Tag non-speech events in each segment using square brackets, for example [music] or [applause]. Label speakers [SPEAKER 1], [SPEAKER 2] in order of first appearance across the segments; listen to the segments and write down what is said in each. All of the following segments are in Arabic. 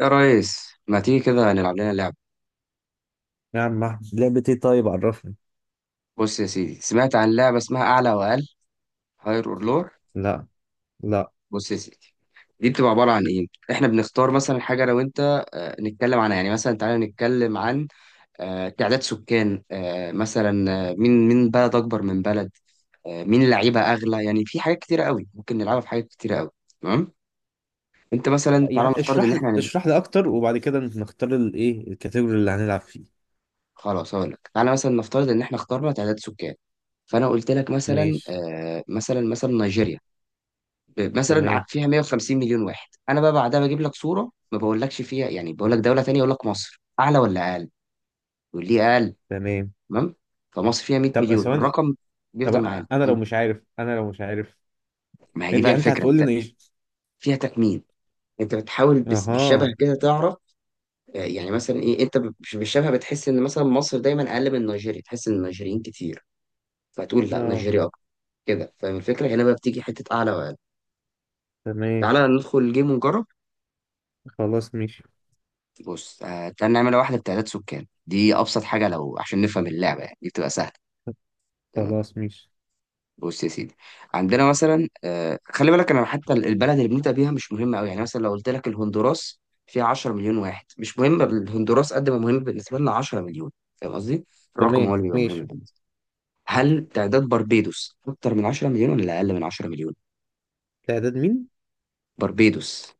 [SPEAKER 1] يا ريس، ما تيجي كده نلعب لنا لعبة؟
[SPEAKER 2] يا عم أحمد. لعبة ايه؟ طيب عرفني.
[SPEAKER 1] بص يا سيدي، سمعت عن لعبة اسمها أعلى وأقل، هاير أور لور.
[SPEAKER 2] لا. لا.
[SPEAKER 1] بص يا سيدي، دي بتبقى عبارة عن إيه؟ إحنا بنختار مثلا حاجة أنا وأنت، نتكلم عنها. يعني مثلا تعالى نتكلم عن تعداد سكان، آه، مثلا آه، مين بلد أكبر من بلد، مين لعيبة أغلى. يعني في حاجات كتيرة قوي ممكن نلعبها، في حاجات كتيرة قوي. تمام؟ أنت مثلا تعالى
[SPEAKER 2] يعني
[SPEAKER 1] نفترض إن
[SPEAKER 2] اشرح لي
[SPEAKER 1] إحنا هنلعب.
[SPEAKER 2] اشرح لي اكتر وبعد كده نختار الايه الكاتيجوري اللي هنلعب فيه.
[SPEAKER 1] خلاص هقول لك. تعالى مثلا نفترض إن إحنا اخترنا تعداد سكان، فأنا قلت لك مثلا،
[SPEAKER 2] ماشي.
[SPEAKER 1] مثلا نيجيريا،
[SPEAKER 2] تمام.
[SPEAKER 1] فيها 150 مليون واحد. انا بقى بعدها بجيب لك صوره، ما بقولكش فيها، يعني بقول لك دوله تانية، اقول لك مصر اعلى ولا اقل. يقول لي اقل.
[SPEAKER 2] تمام.
[SPEAKER 1] تمام، فمصر فيها 100
[SPEAKER 2] طب
[SPEAKER 1] مليون.
[SPEAKER 2] ثواني.
[SPEAKER 1] الرقم
[SPEAKER 2] طب
[SPEAKER 1] بيفضل معانا.
[SPEAKER 2] انا لو مش عارف انا لو مش عارف
[SPEAKER 1] ما هي دي بقى
[SPEAKER 2] يعني انت
[SPEAKER 1] الفكره،
[SPEAKER 2] هتقول لي
[SPEAKER 1] انت
[SPEAKER 2] إن ايش؟
[SPEAKER 1] فيها تخمين. انت بتحاول بس بالشبه
[SPEAKER 2] اها.
[SPEAKER 1] كده تعرف. يعني مثلا ايه، انت مش بالشبه، بتحس ان مثلا مصر دايما اقل من نيجيريا، تحس ان النيجيريين كتير فتقول لا
[SPEAKER 2] اه.
[SPEAKER 1] نيجيريا اكتر. كده فاهم الفكره؟ هنا بقى بتيجي حته اعلى واقل.
[SPEAKER 2] تمام.
[SPEAKER 1] تعالى ندخل الجيم ونجرب.
[SPEAKER 2] خلاص ماشي.
[SPEAKER 1] بص، تعال نعمل واحدة بتعداد سكان، دي أبسط حاجة لو عشان نفهم اللعبة، يعني دي بتبقى سهلة. تمام.
[SPEAKER 2] خلاص ماشي.
[SPEAKER 1] بص يا سيدي، عندنا مثلا، خلي بالك أنا حتى البلد اللي بنبدأ بيها مش مهمة أوي. يعني مثلا لو قلت لك الهندوراس فيها 10 مليون واحد، مش مهم الهندوراس قد ما مهم بالنسبة لنا 10 مليون. فاهم قصدي؟ الرقم هو
[SPEAKER 2] تمام
[SPEAKER 1] اللي بيبقى مهم
[SPEAKER 2] ماشي.
[SPEAKER 1] بالنسبة. هل تعداد بربيدوس أكتر من 10 مليون ولا أقل من 10 مليون؟
[SPEAKER 2] تعداد مين؟
[SPEAKER 1] بربيدوس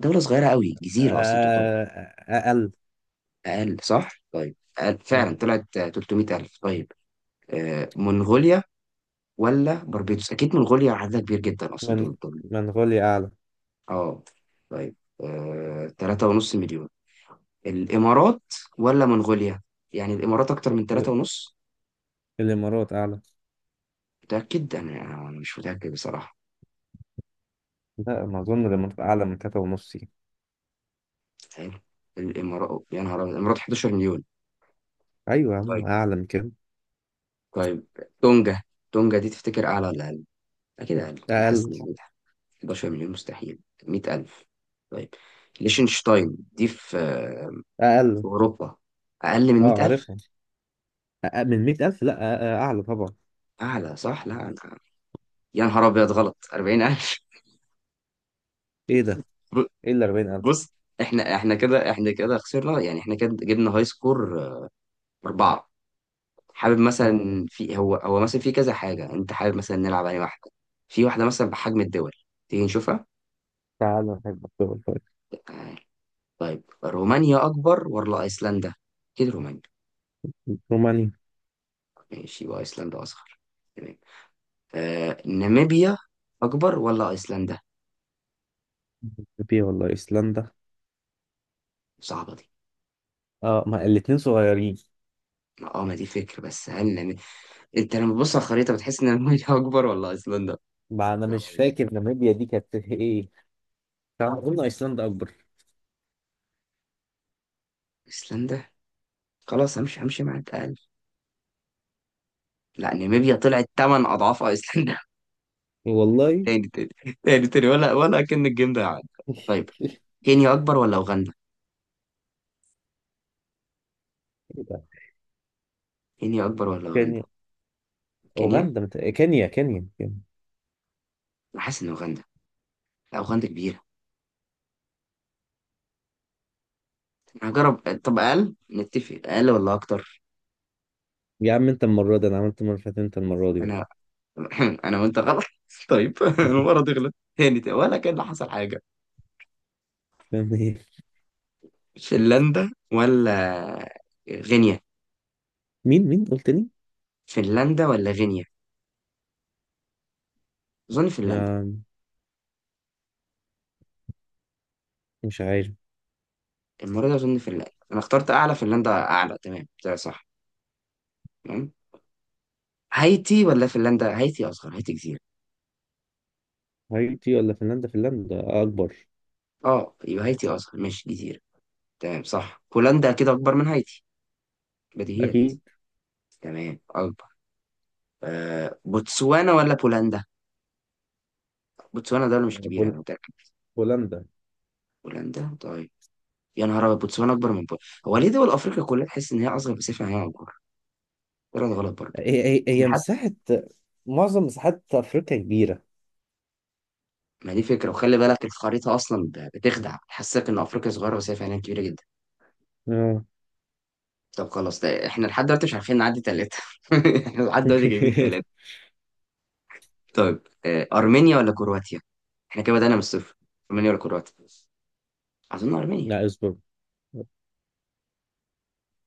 [SPEAKER 1] دولة صغيرة أوي، جزيرة أصلا تعتبر.
[SPEAKER 2] آه. اقل.
[SPEAKER 1] أقل صح؟ طيب أقل
[SPEAKER 2] م.
[SPEAKER 1] فعلا طلعت، 300 ألف. طيب، منغوليا ولا بربيتوس؟ اكيد منغوليا عددها كبير جدا اصلا،
[SPEAKER 2] من
[SPEAKER 1] دول.
[SPEAKER 2] منغوليا اعلى.
[SPEAKER 1] اه طيب، 3.5 مليون. الامارات ولا منغوليا؟ يعني الامارات اكتر من 3.5؟
[SPEAKER 2] الامارات اعلى.
[SPEAKER 1] متأكد؟ أنا مش متأكد بصراحة.
[SPEAKER 2] لا ما اظن الامارات اعلى من تلاتة ونص يعني.
[SPEAKER 1] حلو، الامارات، يا نهار أبيض، الامارات 11 مليون.
[SPEAKER 2] ايوه يا عم،
[SPEAKER 1] طيب
[SPEAKER 2] اعلى من كده.
[SPEAKER 1] طيب، تونجا. تونجا دي تفتكر اعلى ولا اقل؟ اكيد اقل. حاسس
[SPEAKER 2] اقل.
[SPEAKER 1] ان أقل. 11 مليون مستحيل، 100,000. طيب، ليشنشتاين دي في في
[SPEAKER 2] اقل.
[SPEAKER 1] اوروبا. اقل من
[SPEAKER 2] اه
[SPEAKER 1] 100,000؟
[SPEAKER 2] عارفها. أقل من 100,000؟ لا اعلى طبعا.
[SPEAKER 1] اعلى صح. لا انا، يا نهار ابيض غلط، 40,000.
[SPEAKER 2] ايه ده؟
[SPEAKER 1] ب-
[SPEAKER 2] ايه اللي 40,000؟
[SPEAKER 1] بص، احنا كده خسرنا، يعني احنا كده جبنا هاي سكور 4. حابب
[SPEAKER 2] اه
[SPEAKER 1] مثلا في هو هو مثلا في كذا حاجه، انت حابب مثلا نلعب على واحده؟ في واحده مثلا بحجم الدول، تيجي نشوفها؟
[SPEAKER 2] تعالى نحب الدول طيب.
[SPEAKER 1] تعال. طيب رومانيا اكبر ولا ايسلندا؟ اكيد رومانيا.
[SPEAKER 2] رومانيا.
[SPEAKER 1] ماشي، وايسلندا اصغر. تمام. آه ناميبيا، اكبر ولا ايسلندا؟
[SPEAKER 2] ناميبيا ولا ايسلندا؟
[SPEAKER 1] صعبه دي.
[SPEAKER 2] اه ما الاتنين صغيرين.
[SPEAKER 1] اه، ما دي فكره. بس هل انت لما تبص على الخريطة بتحس ان المية [laughs] اكبر ولا ايسلندا؟
[SPEAKER 2] ما انا مش
[SPEAKER 1] طبعاً.
[SPEAKER 2] فاكر ناميبيا دي كانت ايه. تعال قلنا ايسلندا اكبر.
[SPEAKER 1] ايسلندا، خلاص، همشي مع الأقل. لا، ناميبيا طلعت تمن اضعاف ايسلندا. [laughs]
[SPEAKER 2] والله.
[SPEAKER 1] تاني تاني تاني تاني، ولا كأن الجيم ده عدى.
[SPEAKER 2] [laughs]
[SPEAKER 1] طيب
[SPEAKER 2] ايه
[SPEAKER 1] كينيا اكبر ولا اوغندا؟
[SPEAKER 2] ده؟
[SPEAKER 1] كينيا اكبر ولا اوغندا؟
[SPEAKER 2] كينيا.
[SPEAKER 1] كينيا؟
[SPEAKER 2] كينيا كينيا كينيا.
[SPEAKER 1] انا حاسس ان اوغندا. لا اوغندا كبيرة. انا هجرب. طب اقل، نتفق اقل ولا اكتر؟
[SPEAKER 2] يا عم انت المره دي، انا عملت المره اللي فاتت، انت المره دي بقى.
[SPEAKER 1] انا [laughs] انا وانت غلط. [laughs] طيب. [laughs] المرة تغلط، تاني تاني ولا كأن حصل حاجة.
[SPEAKER 2] [laughs]
[SPEAKER 1] فنلندا ولا غينيا؟
[SPEAKER 2] مين قلت لي؟
[SPEAKER 1] فنلندا ولا غينيا؟ أظن فنلندا.
[SPEAKER 2] آه، مش عارف.
[SPEAKER 1] المرة دي أظن فنلندا. أنا اخترت أعلى، فنلندا أعلى. تمام ده صح. تمام. هايتي ولا فنلندا؟ هايتي أصغر، هايتي جزيرة.
[SPEAKER 2] هايتي ولا فنلندا؟ فنلندا اكبر.
[SPEAKER 1] أه يبقى هايتي أصغر، ماشي جزيرة. تمام صح، هولندا كده أكبر من هايتي، بديهيات.
[SPEAKER 2] اكيد.
[SPEAKER 1] تمام أكبر. آه بوتسوانا ولا بولندا؟ بوتسوانا دولة مش كبيرة، أنا
[SPEAKER 2] بول...
[SPEAKER 1] متأكد.
[SPEAKER 2] بولندا.
[SPEAKER 1] بولندا. طيب. يا نهار أبيض، بوتسوانا أكبر من بولندا؟ هو ليه دول أفريقيا كلها تحس إن هي أصغر بس هي أكبر؟ ولا ده غلط برضه؟
[SPEAKER 2] هي هي
[SPEAKER 1] أنا
[SPEAKER 2] هي
[SPEAKER 1] حتى
[SPEAKER 2] مساحة، معظم مساحات افريقيا كبيرة.
[SPEAKER 1] ما دي فكرة، وخلي بالك الخريطة أصلا بتخدع، تحسسك إن أفريقيا صغيرة بس هي فعلا كبيرة جدا.
[SPEAKER 2] اه.
[SPEAKER 1] طب خلاص، ده احنا لحد دلوقتي مش عارفين نعدي 3. [laughs] احنا لحد دلوقتي جايبين 3.
[SPEAKER 2] [laughs]
[SPEAKER 1] طيب، أرمينيا ولا كرواتيا؟ احنا كده بدأنا من الصفر. أرمينيا ولا كرواتيا؟ أظن أرمينيا،
[SPEAKER 2] لا اصبر،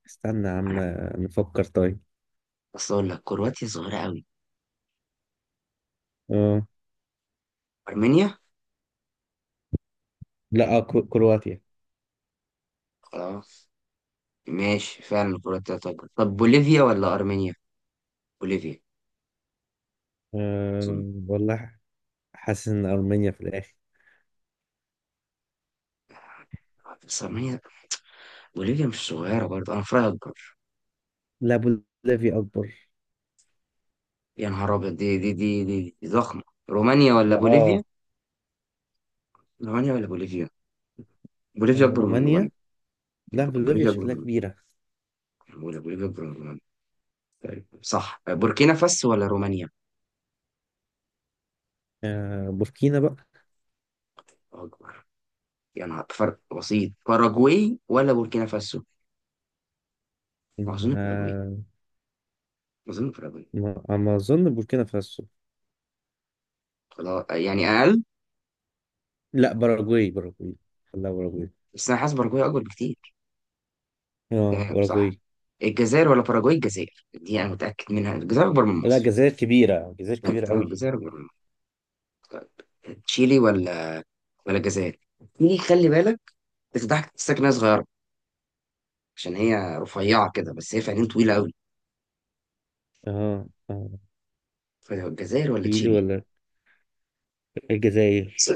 [SPEAKER 2] استنى يا عم
[SPEAKER 1] أنا.
[SPEAKER 2] نفكر. طيب
[SPEAKER 1] أصل أقول لك كرواتيا صغيرة قوي.
[SPEAKER 2] اه.
[SPEAKER 1] أرمينيا؟
[SPEAKER 2] لا آه، كرواتيا.
[SPEAKER 1] خلاص. ماشي فعلا كرواتيا. طب طب، بوليفيا ولا أرمينيا؟ بوليفيا أظن.
[SPEAKER 2] أه والله، حاسس ان ارمينيا في الاخر.
[SPEAKER 1] بس أرمينيا، بوليفيا مش صغيرة برضه، أنا فراغ أكبر.
[SPEAKER 2] لا بوليفيا اكبر.
[SPEAKER 1] يا نهار أبيض، دي ضخمة. رومانيا ولا
[SPEAKER 2] لا
[SPEAKER 1] بوليفيا؟
[SPEAKER 2] اه
[SPEAKER 1] رومانيا ولا بوليفيا؟ بوليفيا
[SPEAKER 2] آه،
[SPEAKER 1] أكبر من رومانيا.
[SPEAKER 2] رومانيا. لا بوليفيا
[SPEAKER 1] بوليفيا أكبر
[SPEAKER 2] شكلها
[SPEAKER 1] من
[SPEAKER 2] كبيرة.
[SPEAKER 1] رومانيا. بوليفيا أكبر من رومانيا. طيب صح. بوركينا فاسو ولا رومانيا؟
[SPEAKER 2] أه بوركينا بقى.
[SPEAKER 1] الله أكبر. يا نهار، فرق بسيط. باراجواي ولا بوركينا فاسو؟ أظن باراجواي.
[SPEAKER 2] أه
[SPEAKER 1] أظن باراجواي.
[SPEAKER 2] ما اظن بوركينا فاسو.
[SPEAKER 1] خلاص، يعني أقل.
[SPEAKER 2] لا باراجواي باراجواي. لا باراجواي.
[SPEAKER 1] بس أنا حاسس باراجواي أكبر بكتير.
[SPEAKER 2] اه
[SPEAKER 1] تمام صح.
[SPEAKER 2] باراجواي.
[SPEAKER 1] الجزائر ولا باراجواي؟ الجزائر دي أنا متأكد منها، الجزائر أكبر من
[SPEAKER 2] لا
[SPEAKER 1] مصر.
[SPEAKER 2] جزائر كبيرة، جزائر كبيرة قوي.
[SPEAKER 1] الجزائر أكبر من مصر. طيب تشيلي ولا الجزائر؟ تشيلي، خلي بالك، بتضحك، تحسسك إنها صغيرة عشان هي رفيعة كده، بس هي فعليا طويلة أوي.
[SPEAKER 2] اه. اه.
[SPEAKER 1] فالجزائر ولا
[SPEAKER 2] تشيلي
[SPEAKER 1] تشيلي؟
[SPEAKER 2] ولا الجزائر؟
[SPEAKER 1] صح.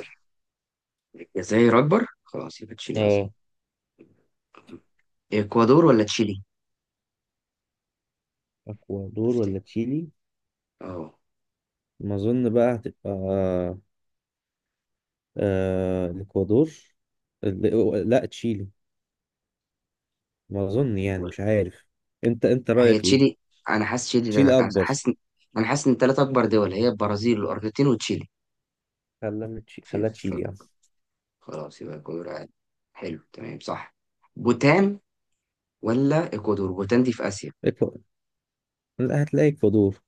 [SPEAKER 1] الجزائر أكبر؟ خلاص يبقى تشيلي أصغر.
[SPEAKER 2] اه.
[SPEAKER 1] اكوادور ولا تشيلي؟
[SPEAKER 2] اكوادور
[SPEAKER 1] تفتكر؟
[SPEAKER 2] ولا تشيلي؟
[SPEAKER 1] اه.
[SPEAKER 2] ما اظن بقى هتبقى آه الاكوادور. لا تشيلي. ما اظن يعني،
[SPEAKER 1] ولا-
[SPEAKER 2] مش عارف. انت
[SPEAKER 1] هي
[SPEAKER 2] رايك ايه؟
[SPEAKER 1] تشيلي، انا حاسس تشيلي.
[SPEAKER 2] تشيلي
[SPEAKER 1] انا
[SPEAKER 2] اكبر.
[SPEAKER 1] حاسس انا حاسس ان الثلاث اكبر دول هي البرازيل والارجنتين وتشيلي.
[SPEAKER 2] خلنا
[SPEAKER 1] في
[SPEAKER 2] خلها
[SPEAKER 1] في-
[SPEAKER 2] تشيلي يعني.
[SPEAKER 1] خلاص يبقى اكوادور عادي. حلو تمام صح. بوتان ولا اكوادور؟ بوتان دي في اسيا.
[SPEAKER 2] إكوا- لا هتلاقي اكوادور.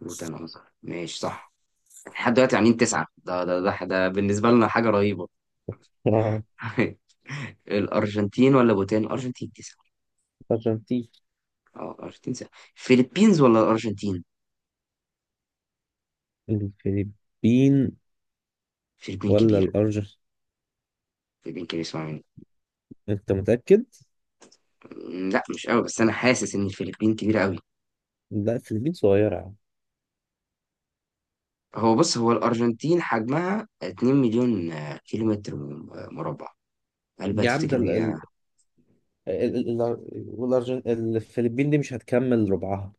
[SPEAKER 1] بوتان اصغر، ماشي صح. لحد دلوقتي عاملين 9، ده بالنسبة لنا حاجة رهيبة.
[SPEAKER 2] اه
[SPEAKER 1] [laughs] الأرجنتين ولا بوتان؟ الأرجنتين 9.
[SPEAKER 2] الارجنتين.
[SPEAKER 1] اه الارجنتين سهل. فيلبينز ولا الأرجنتين؟
[SPEAKER 2] الفلبين
[SPEAKER 1] فيلبين
[SPEAKER 2] ولا
[SPEAKER 1] كبيرة.
[SPEAKER 2] الارجنتين؟
[SPEAKER 1] يمكن يسمع مني.
[SPEAKER 2] انت متأكد؟
[SPEAKER 1] لا مش قوي، بس انا حاسس ان الفلبين كبيره قوي.
[SPEAKER 2] لا الفلبين صغيرة يا عم.
[SPEAKER 1] هو بص، الارجنتين حجمها 2 مليون كيلومتر مربع. هل بقى
[SPEAKER 2] يا عم ده
[SPEAKER 1] تفتكر هي؟
[SPEAKER 2] الفلبين دي مش هتكمل ربعها.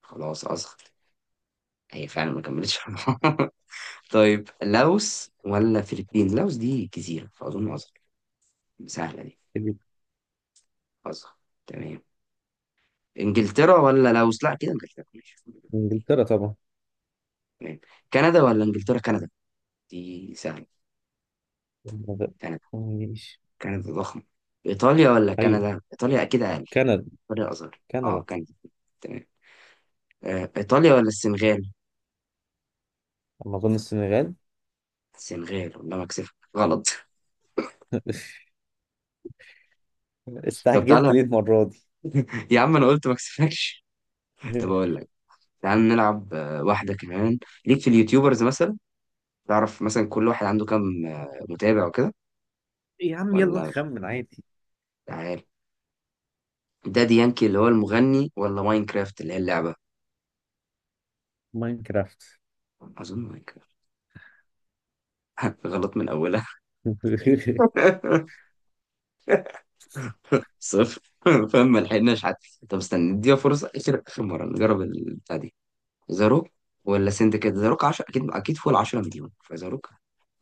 [SPEAKER 1] خلاص اصغر، هي فعلا ما كملتش. [laughs] طيب لاوس ولا فلبين؟ لاوس دي جزيره فاظن اصغر. سهله دي. اصغر. تمام. انجلترا ولا لاوس؟ لا كده انجلترا، ماشي.
[SPEAKER 2] انجلترا طبعا.
[SPEAKER 1] تمام. كندا ولا انجلترا؟ كندا دي سهله. كندا.
[SPEAKER 2] ماشي.
[SPEAKER 1] كندا ضخمة. إيطاليا ولا
[SPEAKER 2] ايوه
[SPEAKER 1] كندا؟ إيطاليا أكيد أقل.
[SPEAKER 2] كندا.
[SPEAKER 1] إيطاليا أصغر، أه
[SPEAKER 2] كندا.
[SPEAKER 1] كندا. تمام، إيطاليا ولا السنغال؟
[SPEAKER 2] اما اظن السنغال.
[SPEAKER 1] السنغال. والله ما أكسفك، غلط. [laughs] طب
[SPEAKER 2] استعجلت
[SPEAKER 1] تعالى،
[SPEAKER 2] ليه المرة دي؟
[SPEAKER 1] يا عم أنا قلت ما أكسفكش. [laughs] طب أقول لك، تعال نلعب واحدة كمان. ليك في اليوتيوبرز مثلا، تعرف مثلا كل واحد عنده كام متابع وكده
[SPEAKER 2] يا عم يلا
[SPEAKER 1] ولا مش؟
[SPEAKER 2] نخمن عادي.
[SPEAKER 1] تعال، دادي يانكي اللي هو المغني ولا ماينكرافت اللي هي اللعبة؟
[SPEAKER 2] ماينكرافت.
[SPEAKER 1] أظن ماينكرافت. [laughs] غلط من أولها.
[SPEAKER 2] [laughs]
[SPEAKER 1] [laughs] 0. [laughs] فاهم؟ ما لحقناش حتى. طب استنى، نديها فرصه. اخر اخر مره نجرب البتاع دي. زاروك ولا سندكات؟ زاروك 10، اكيد اكيد فوق ال 10 مليون فزاروك.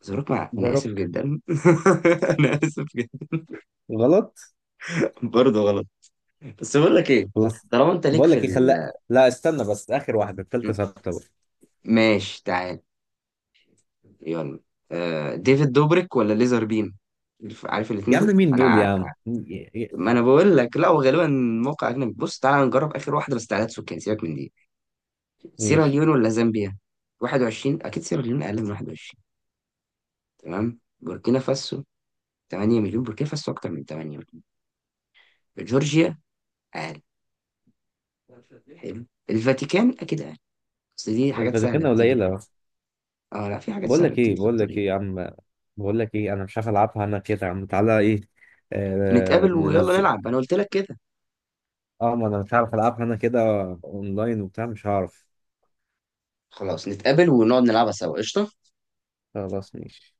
[SPEAKER 1] زاروك مع...
[SPEAKER 2] ذا
[SPEAKER 1] انا اسف
[SPEAKER 2] روك.
[SPEAKER 1] جدا. [laughs] انا اسف جدا.
[SPEAKER 2] غلط.
[SPEAKER 1] برضه غلط. بس بقول لك ايه،
[SPEAKER 2] خلاص.
[SPEAKER 1] طالما انت ليك
[SPEAKER 2] بقول
[SPEAKER 1] في
[SPEAKER 2] لك ايه
[SPEAKER 1] ال...
[SPEAKER 2] خلاق، لا استنى بس اخر واحدة التالتة ثابتة بقى.
[SPEAKER 1] ماشي تعال، يلا. آه، ديفيد دوبريك ولا ليزر بيم؟ عارف
[SPEAKER 2] يا
[SPEAKER 1] الاتنين
[SPEAKER 2] عم
[SPEAKER 1] دول
[SPEAKER 2] مين دول يا
[SPEAKER 1] انا.
[SPEAKER 2] عم
[SPEAKER 1] ما انا بقول لك لا، هو غالبا موقع اجنبي. بص تعالى نجرب اخر واحده بس. تعالى سكان، سيبك من دي.
[SPEAKER 2] ماشي.
[SPEAKER 1] سيراليون ولا زامبيا؟ 21. اكيد سيراليون اقل من 21. تمام. بوركينا فاسو، 8 مليون. بوركينا فاسو اكتر من 8 مليون. جورجيا. اقل. حلو. الفاتيكان اكيد اقل. بس دي حاجات سهله
[SPEAKER 2] الفاتيكان
[SPEAKER 1] بتيجي.
[SPEAKER 2] قليلة.
[SPEAKER 1] اه لا، في حاجات
[SPEAKER 2] بقول
[SPEAKER 1] سهله
[SPEAKER 2] لك
[SPEAKER 1] بتيجي
[SPEAKER 2] ايه
[SPEAKER 1] في
[SPEAKER 2] بقول لك
[SPEAKER 1] الطريق.
[SPEAKER 2] ايه يا عم، بقول لك ايه، انا مش عارف العبها انا كده. يا عم تعالى ايه آه
[SPEAKER 1] نتقابل ويلا
[SPEAKER 2] ننزل.
[SPEAKER 1] نلعب، انا قلت لك كده.
[SPEAKER 2] اه ما انا مش عارف العبها انا كده اونلاين وبتاع، مش هعرف.
[SPEAKER 1] خلاص نتقابل ونقعد نلعبها سوا، قشطه.
[SPEAKER 2] خلاص ماشي.